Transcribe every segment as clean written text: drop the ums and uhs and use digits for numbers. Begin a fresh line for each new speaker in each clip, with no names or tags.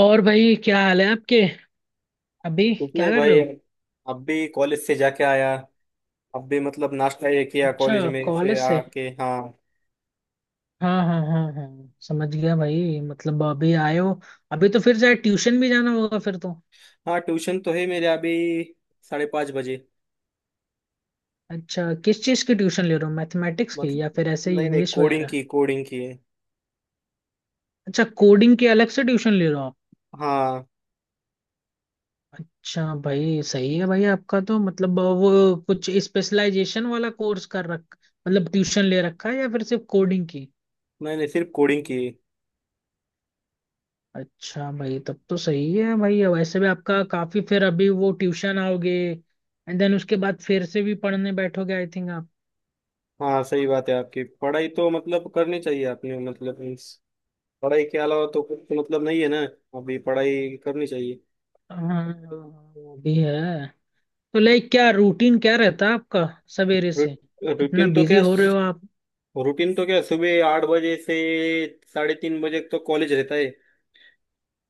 और भाई क्या हाल है आपके। अभी
कुछ
क्या
नहीं
कर रहे
भाई।
हो।
अब भी कॉलेज से जाके आया। अब भी मतलब नाश्ता ये किया कॉलेज
अच्छा।
में फिर
कॉलेज से।
आके हाँ।
हाँ हाँ हाँ हाँ, समझ गया भाई, मतलब अभी आए हो। अभी तो फिर शायद ट्यूशन भी जाना होगा फिर तो।
हाँ ट्यूशन तो है मेरे अभी 5:30 बजे।
अच्छा, किस चीज़ की ट्यूशन ले रहे हो, मैथमेटिक्स की या
मतलब
फिर ऐसे ही
नहीं नहीं
इंग्लिश
कोडिंग
वगैरह।
की कोडिंग की है।
अच्छा, कोडिंग की अलग से ट्यूशन ले रहे हो आप।
हाँ।
अच्छा भाई, सही है भाई आपका तो, मतलब वो कुछ स्पेशलाइजेशन वाला कोर्स कर रख, मतलब ट्यूशन ले रखा है या फिर सिर्फ कोडिंग की।
नहीं नहीं सिर्फ कोडिंग की है।
अच्छा भाई, तब तो सही है भाई, वैसे भी आपका काफी, फिर अभी वो ट्यूशन आओगे, एंड देन उसके बाद फिर से भी पढ़ने बैठोगे, आई थिंक आप।
हाँ सही बात है आपकी। पढ़ाई तो मतलब करनी चाहिए आपने मतलब means पढ़ाई के अलावा तो कुछ मतलब नहीं है ना। अभी पढ़ाई करनी चाहिए।
हाँ, वो भी है। तो लाइक क्या रूटीन क्या रहता है आपका सवेरे
रू-
से। इतना
रूटीन तो
बिजी
क्या
हो रहे हो आप।
रूटीन तो क्या, सुबह 8 बजे से 3:30 बजे तक तो कॉलेज रहता है।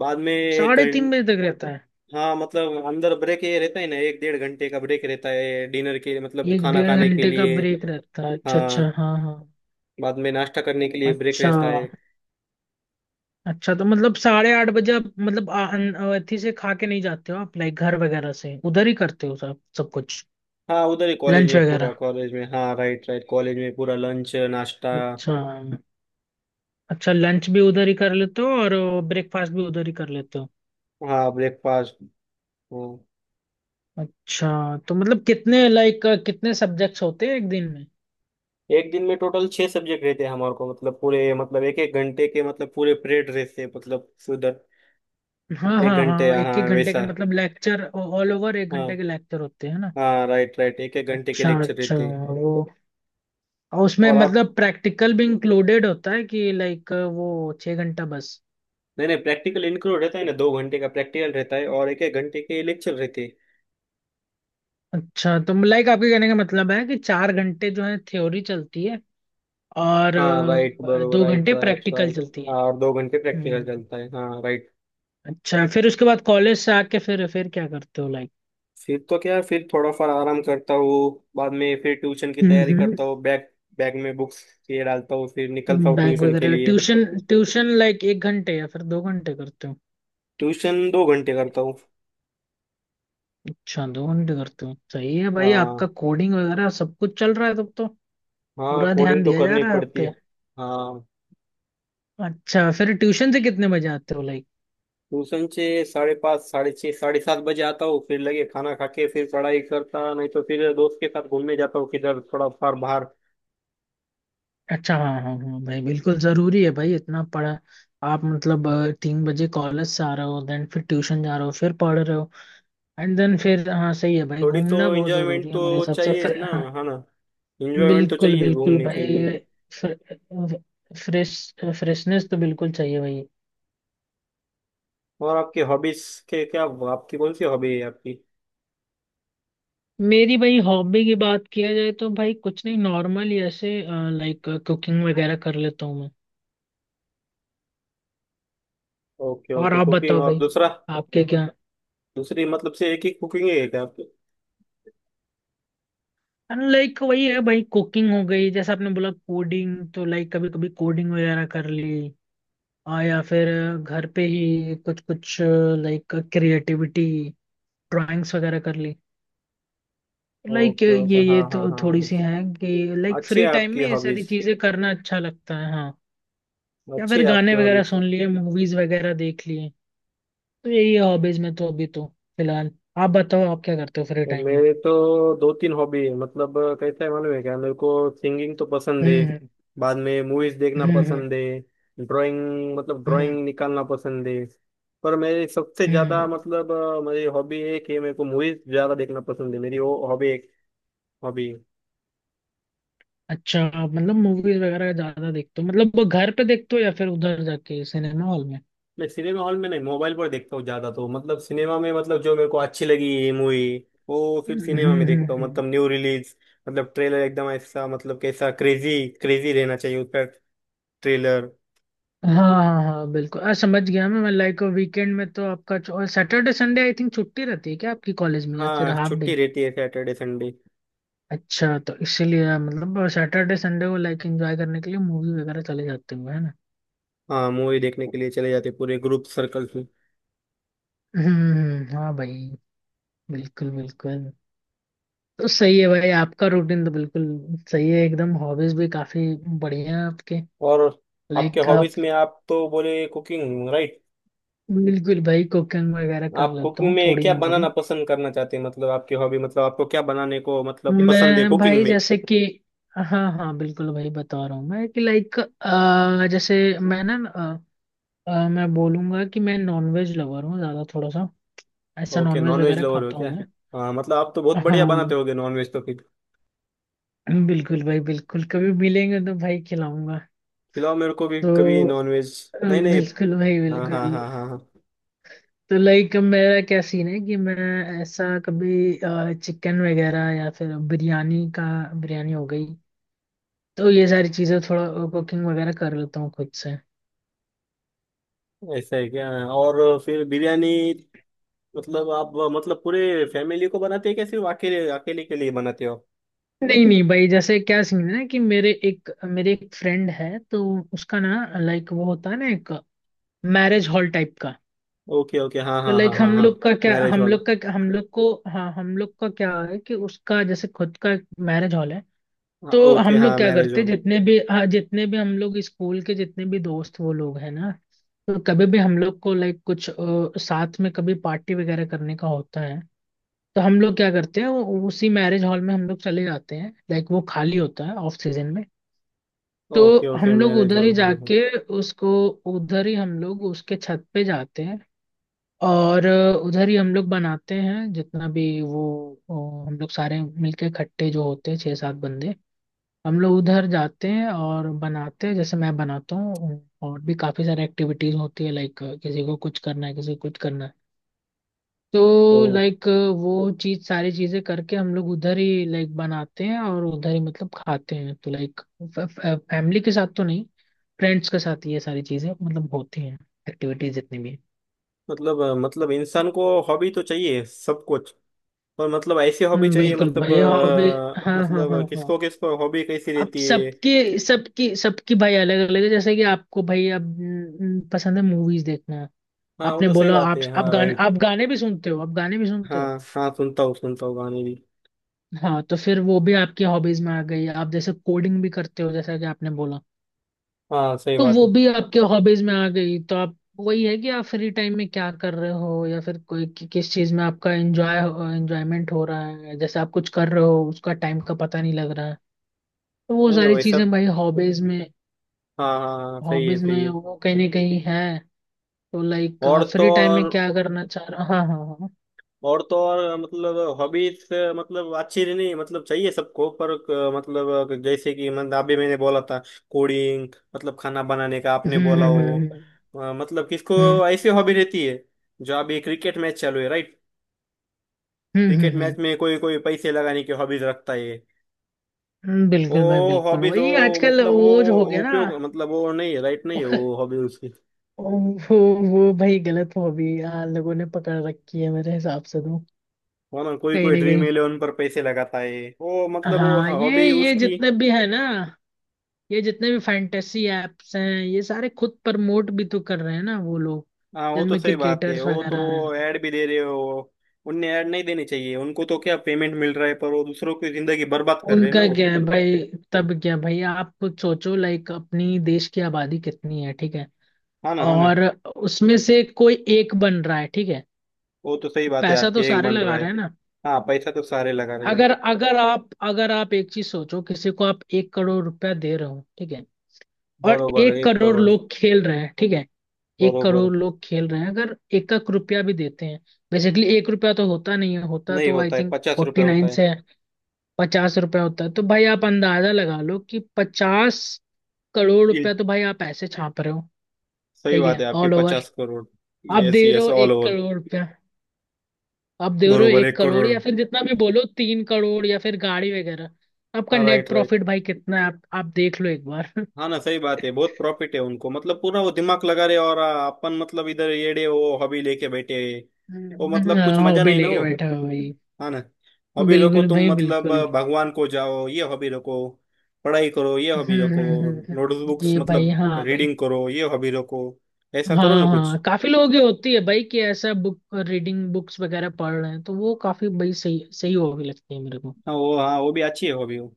बाद में एक
3:30 बजे
घंटा
तक रहता है।
हाँ मतलब अंदर ब्रेक ये रहता है ना, एक डेढ़ घंटे का ब्रेक रहता है डिनर के मतलब
एक
खाना
डेढ़
खाने के
घंटे का
लिए।
ब्रेक रहता है, अच्छा
हाँ
अच्छा, हाँ हाँ।
बाद में नाश्ता करने के लिए ब्रेक
अच्छा।
रहता है।
अच्छा, तो मतलब 8:30 बजे आप, मतलब अथी से खा के नहीं जाते हो आप, लाइक घर वगैरह से उधर ही करते हो सब सब कुछ।
हाँ उधर ही कॉलेज
लंच
में, पूरा
वगैरह।
कॉलेज में, हाँ राइट राइट, कॉलेज में पूरा लंच नाश्ता।
अच्छा। अच्छा, लंच भी उधर ही कर लेते हो और ब्रेकफास्ट भी उधर ही कर लेते हो।
हाँ ब्रेकफास्ट। हाँ।
अच्छा, तो मतलब कितने लाइक कितने सब्जेक्ट्स होते हैं एक दिन में।
एक दिन में टोटल 6 सब्जेक्ट रहते हैं हमारे को, मतलब पूरे मतलब एक एक घंटे के मतलब पूरे पीरियड रहते हैं मतलब उधर।
हाँ
एक
हाँ
घंटे
हाँ, एक
हाँ
एक घंटे के
वैसा।
मतलब लेक्चर, ऑल ओवर एक घंटे
हाँ।
के लेक्चर होते हैं ना।
हाँ राइट राइट, एक एक घंटे के
अच्छा
लेक्चर
अच्छा,
रहते हैं।
वो और उसमें
और आप।
मतलब प्रैक्टिकल भी इंक्लूडेड होता है कि, लाइक वो 6 घंटा बस।
नहीं नहीं प्रैक्टिकल इंक्लूड रहता है ना, 2 घंटे का प्रैक्टिकल रहता है और एक एक घंटे के लेक्चर रहते हैं।
अच्छा, तो लाइक आपके कहने का मतलब है कि 4 घंटे जो है थ्योरी चलती है और
हाँ राइट बरोबर
दो
राइट
घंटे
राइट
प्रैक्टिकल
राइट।
चलती है।
हाँ और 2 घंटे
हम्म
प्रैक्टिकल
हम्म।
चलता है हाँ राइट।
अच्छा, फिर उसके बाद कॉलेज से आके फिर क्या करते हो लाइक।
फिर तो क्या, फिर थोड़ा फार आराम करता हूँ। बाद में फिर ट्यूशन की तैयारी
हम्म।
करता हूँ, बैग, बैग में बुक्स ये डालता हूँ, फिर निकलता हूँ
बैंक
ट्यूशन के
वगैरह
लिए।
ट्यूशन। ट्यूशन लाइक एक घंटे या फिर दो घंटे करते हो।
ट्यूशन 2 घंटे करता हूँ।
अच्छा, दो घंटे करते हो, सही है भाई आपका,
हाँ।
कोडिंग वगैरह सब कुछ चल रहा है तब तो।
हाँ
पूरा ध्यान
कोडिंग तो
दिया जा
करनी
रहा है आप
पड़ती है।
पे।
हाँ।
अच्छा, फिर ट्यूशन से कितने बजे आते हो लाइक।
ट्यूशन से 5:30, 6:30, 7:30 बजे आता हूँ, फिर लगे खाना खा के फिर पढ़ाई करता, नहीं तो फिर दोस्त के साथ घूमने जाता हूँ किधर थोड़ा फार बाहर।
अच्छा हाँ हाँ हाँ भाई, बिल्कुल जरूरी है भाई इतना पढ़ा। आप मतलब 3 बजे कॉलेज से आ रहे हो, देन फिर ट्यूशन जा रहे हो, फिर पढ़ रहे हो, एंड देन फिर हाँ सही है भाई,
थोड़ी तो
घूमना बहुत
एंजॉयमेंट
जरूरी है मेरे
तो
हिसाब से
चाहिए
फिर।
ना हाँ ना। एंजॉयमेंट तो
बिल्कुल
चाहिए
बिल्कुल
घूमने के लिए।
भाई। फ्रेश फ्रेशनेस तो बिल्कुल चाहिए भाई।
और आपकी हॉबीज के क्या, आपकी कौन सी हॉबी है आपकी?
मेरी भाई हॉबी की बात किया जाए तो भाई कुछ नहीं, नॉर्मल ही ऐसे लाइक कुकिंग वगैरह कर लेता हूँ मैं।
ओके
और
ओके,
आप
कुकिंग
बताओ
और
भाई,
दूसरा?
आपके क्या।
दूसरी मतलब से एक ही कुकिंग है क्या आपकी?
लाइक वही है भाई, कुकिंग हो गई जैसे आपने बोला कोडिंग, तो लाइक कभी कभी कोडिंग वगैरह कर ली, या फिर घर पे ही कुछ कुछ लाइक क्रिएटिविटी, ड्राइंग्स वगैरह कर ली, लाइक
ओके ओके
ये
हाँ
ये
हाँ
तो
हाँ
थोड़ी
हाँ।
सी हैं कि लाइक
अच्छी है
फ्री टाइम
आपकी
में ये सारी
हॉबीज।
चीजें करना अच्छा लगता है हाँ। या
अच्छी
फिर
है
गाने
आपकी
वगैरह
हॉबीज।
सुन लिए, मूवीज वगैरह देख लिए, तो यही है हॉबीज में तो अभी तो फिलहाल। आप बताओ आप क्या करते हो फ्री
और
टाइम में।
मेरे तो दो तीन हॉबी है मतलब, कैसा है मालूम है क्या मेरे को, सिंगिंग तो पसंद है।
हम्म
बाद में मूवीज देखना
हम्म
पसंद है। ड्राइंग मतलब
हम्म।
ड्राइंग निकालना पसंद है। पर मेरी सबसे
हम्म
ज्यादा
हम्म।
मतलब मेरी हॉबी एक है, मेरे को मूवीज ज्यादा देखना पसंद है, मेरी वो हॉबी एक हॉबी है।
अच्छा, आप मतलब मूवीज वगैरह ज्यादा देखते हो मतलब, वो घर पे देखते हो या फिर उधर जाके सिनेमा हॉल में।
मैं सिनेमा हॉल में नहीं, मोबाइल पर देखता हूँ ज्यादा, तो मतलब सिनेमा में मतलब जो मेरे को अच्छी लगी मूवी वो फिर
हम्म
सिनेमा में
हम्म,
देखता हूँ,
हम्म।
मतलब न्यू रिलीज। मतलब ट्रेलर एकदम ऐसा मतलब कैसा क्रेजी क्रेजी रहना चाहिए उसका ट्रेलर।
हाँ हाँ हाँ बिल्कुल, समझ गया मैं लाइक वीकेंड में तो आपका सैटरडे संडे आई थिंक छुट्टी रहती है क्या आपकी कॉलेज में या फिर
हाँ
हाफ
छुट्टी
डे?
रहती है सैटरडे संडे।
अच्छा, तो इसीलिए मतलब सैटरडे संडे को लाइक एंजॉय करने के लिए मूवी वगैरह चले जाते हो है ना।
हाँ मूवी देखने के लिए चले जाते, पूरे ग्रुप सर्कल में।
हाँ भाई, बिल्कुल बिल्कुल। तो सही है भाई आपका रूटीन तो बिल्कुल सही है एकदम, हॉबीज भी काफी बढ़िया है आपके।
और आपके
लाइक
हॉबीज
आप।
में आप तो बोले कुकिंग राइट।
बिल्कुल भाई, कुकिंग वगैरह कर
आप
लेता
कुकिंग
हूँ
में
थोड़ी
क्या
मोरी।
बनाना पसंद करना चाहते हैं, मतलब आपकी हॉबी मतलब आपको क्या बनाने को मतलब पसंद है
मैं
कुकिंग
भाई
में?
जैसे कि, हाँ हाँ बिल्कुल भाई बता रहा हूँ मैं कि लाइक, जैसे मैं ना अ, अ, मैं बोलूंगा कि मैं नॉनवेज लवर हूँ ज्यादा थोड़ा सा, ऐसा
ओके
नॉनवेज
नॉनवेज
वगैरह
लवर हो
खाता हूँ
क्या?
मैं।
हाँ मतलब आप तो बहुत बढ़िया
हाँ
बनाते होगे नॉनवेज तो फिर।
बिल्कुल भाई बिल्कुल, कभी मिलेंगे तो भाई खिलाऊंगा।
खिलाओ मेरे को भी
तो
कभी नॉनवेज।
अ,
नहीं नहीं।
बिल्कुल भाई
हाँ हाँ
बिल्कुल।
हाँ हाँ हाँ।
तो लाइक मेरा क्या सीन है कि मैं ऐसा कभी चिकन वगैरह या फिर बिरयानी का, बिरयानी हो गई, तो ये सारी चीजें थोड़ा कुकिंग वगैरह कर लेता हूँ खुद से।
ऐसा है क्या, और फिर बिरयानी। मतलब आप मतलब पूरे फैमिली को बनाते हैं क्या, सिर्फ अकेले अकेले के लिए बनाते हो?
नहीं नहीं भाई, जैसे क्या सीन है ना कि मेरे एक फ्रेंड है तो उसका ना लाइक, वो होता है ना एक मैरिज हॉल टाइप का।
ओके ओके हाँ
तो
हाँ हाँ
लाइक
हाँ हाँ। Marriage hall.
हम लोग को। हाँ हम लोग का क्या है कि उसका जैसे खुद का मैरिज हॉल है।
हाँ
तो
ओके,
हम लोग
हाँ
क्या
मैरिज
करते
हॉल।
जितने भी हाँ, जितने भी हम लोग स्कूल के जितने भी दोस्त वो लोग हैं ना। तो कभी भी हम लोग को लाइक कुछ साथ में कभी पार्टी वगैरह करने का होता है। तो हम लोग क्या करते हैं, वो उसी मैरिज हॉल में हम लोग चले जाते हैं, लाइक वो खाली होता है ऑफ सीजन में। तो
ओके
हम
ओके,
लोग
मैरिज
उधर ही
हॉल हाँ हाँ।
जाके उसको, उधर ही हम लोग उसके छत पे जाते हैं और उधर ही हम लोग बनाते हैं जितना भी वो हम लोग सारे मिलके इकट्ठे जो होते हैं छः सात बंदे, हम लोग उधर जाते हैं और बनाते हैं जैसे मैं बनाता हूँ, और भी काफ़ी सारी एक्टिविटीज़ होती है लाइक किसी को कुछ करना है किसी को कुछ करना है,
तो
तो लाइक वो चीज़ सारी चीज़ें करके हम लोग उधर ही लाइक बनाते हैं और उधर ही मतलब खाते हैं, तो लाइक फैमिली के साथ तो नहीं, फ्रेंड्स के साथ ये सारी चीज़ें मतलब होती हैं, एक्टिविटीज़ जितनी भी हैं।
मतलब मतलब इंसान को हॉबी तो चाहिए सब कुछ, पर मतलब ऐसी हॉबी चाहिए
बिल्कुल
मतलब
भाई हॉबी। हाँ हाँ हाँ
मतलब
हाँ।
किसको किसको हॉबी कैसी
अब
रहती है।
सबके सबकी सबकी भाई अलग अलग है जैसे कि आपको भाई अब पसंद है मूवीज देखना।
हाँ वो
आपने
तो सही
बोला,
बात है, हाँ राइट।
आप गाने भी सुनते हो, आप गाने भी सुनते हो।
हाँ हाँ सुनता हूँ गाने भी।
हाँ तो फिर वो भी आपकी हॉबीज में आ गई, आप जैसे कोडिंग भी करते हो जैसा कि आपने बोला।
हाँ सही
तो
बात
वो
है।
भी आपके हॉबीज में आ गई, तो आप वही है कि आप फ्री टाइम में क्या कर रहे हो या फिर कोई कि, किस चीज में आपका एंजॉयमेंट हो रहा है जैसे आप कुछ कर रहे हो उसका टाइम का पता नहीं लग रहा है। तो वो
नहीं नहीं
सारी
वैसा।
चीजें भाई
हाँ हाँ हाँ, सही है
हॉबीज
सही
में
है।
वो कहीं ना कहीं है। तो लाइक
और तो
फ्री टाइम में
और
क्या करना चाह रहा हाँ हाँ हाँ।
और तो और मतलब हॉबीज, मतलब अच्छी नहीं मतलब चाहिए सबको पर मतलब जैसे कि मतलब अभी मैंने बोला था कोडिंग, मतलब खाना बनाने का आपने
हम्म
बोला
हम्म
हो।
हम्म
मतलब किसको
हम्म
ऐसी हॉबी रहती है, जो अभी क्रिकेट मैच चालू है राइट,
हम्म
क्रिकेट
हम्म,
मैच
हम्म,
में कोई कोई पैसे लगाने की हॉबीज रखता है वो।
बिल्कुल भाई बिल्कुल
हॉबीज
वही
वो
आजकल
मतलब वो
वो जो हो
वो
गया ना।
उपयोग मतलब वो नहीं है राइट, नहीं है वो हॉबी उसकी।
वो वो भाई गलत हॉबी लोगों ने पकड़ रखी है मेरे हिसाब से तो
है ना, कोई
कहीं
कोई
ना
ड्रीम
कहीं।
इलेवन पर पैसे लगाता है, वो मतलब वो
हाँ ये
हॉबी
ये
उसकी।
जितने भी है ना, ये जितने भी फैंटेसी एप्स हैं ये सारे खुद प्रमोट भी तो कर रहे हैं ना वो लोग,
हाँ वो तो
जिनमें
सही बात है
क्रिकेटर्स
वो तो।
वगैरह।
ऐड भी दे रहे हो। उनने ऐड नहीं देनी चाहिए, उनको तो क्या पेमेंट मिल रहा है, पर वो दूसरों की जिंदगी बर्बाद कर रहे हैं
उनका
ना वो।
क्या है भाई, तब क्या भाई आप कुछ सोचो लाइक अपनी देश की आबादी कितनी है, ठीक है।
हाँ ना हाँ ना।
और उसमें से कोई एक बन रहा है, ठीक है।
वो तो सही बात है
पैसा
आपकी,
तो
एक
सारे
बन रहा
लगा रहे
है।
हैं ना।
हाँ पैसा तो सारे लगा रहे हैं।
अगर अगर आप अगर आप एक चीज सोचो, किसी को आप 1 करोड़ रुपया दे रहे हो, ठीक है। और
बरोबर है,
एक
एक
करोड़
करोड़
लोग खेल रहे हैं, ठीक है। एक
बरोबर।
करोड़ लोग खेल रहे हैं, अगर एक एक रुपया भी देते हैं। बेसिकली एक रुपया तो होता नहीं है, होता
नहीं
तो आई
होता है,
थिंक
50 रुपए
फोर्टी
होता
नाइन
है।
से है। 50 रुपया होता है तो भाई आप अंदाजा लगा लो कि 50 करोड़ रुपया
इन-
तो भाई आप ऐसे छाप रहे हो।
सही
ठीक
बात
है
है आपकी,
ऑल ओवर।
50 करोड़।
आप
यस
दे रहे
यस
हो
ऑल
एक
ओवर।
करोड़ रुपया आप दे रहे हो
बरोबर,
एक
एक
करोड़
करोड़
या फिर जितना भी बोलो 3 करोड़ या फिर गाड़ी वगैरह। आपका
हाँ
नेट
राइट राइट।
प्रॉफिट भाई कितना है, आप देख लो एक बार।
हाँ ना सही बात है, बहुत प्रॉफिट है उनको, मतलब पूरा वो दिमाग लगा रहे और अपन मतलब इधर येड़े वो हॉबी लेके बैठे हैं। वो मतलब कुछ
हाँ,
मजा
हॉबी
नहीं ना
लेके
वो।
बैठा हो भाई।
हाँ ना। हॉबी रखो
बिल्कुल
तुम,
भाई
मतलब
बिल्कुल।
भगवान को जाओ ये हॉबी रखो। पढ़ाई करो ये हॉबी रखो। नोटबुक्स
ये भाई
मतलब
हाँ भाई।
रीडिंग करो ये हॉबी रखो। ऐसा करो
हाँ
ना
हाँ
कुछ।
काफी लोगों की होती है भाई कि ऐसा बुक रीडिंग, बुक्स वगैरह पढ़ रहे हैं तो वो काफी भाई सही सही होगी लगती है मेरे को।
हाँ वो, हाँ वो भी अच्छी है हॉबी वो।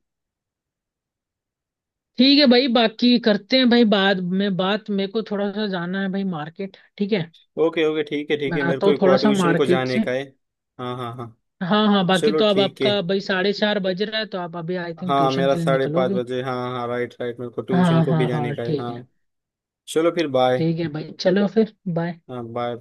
ठीक है भाई बाकी करते हैं भाई बाद में बात, मेरे को थोड़ा सा जाना है भाई मार्केट, ठीक है।
ओके ओके ठीक है ठीक
मैं
है, मेरे
आता
को
हूँ
एक
थोड़ा सा
ट्यूशन को
मार्केट
जाने
से।
का है। हाँ हाँ हाँ।
हाँ हाँ बाकी
चलो
तो अब
ठीक है।
आपका भाई 4:30 बज रहा है तो आप अभी आई थिंक
हाँ
ट्यूशन
मेरा
के लिए
साढ़े पाँच
निकलोगे।
बजे, हाँ हाँ राइट राइट, मेरे को ट्यूशन
हाँ
को भी
हाँ
जाने
हाँ
का है
ठीक है।
हाँ। चलो फिर बाय।
ठीक है भाई चलो फिर बाय।
हाँ बाय।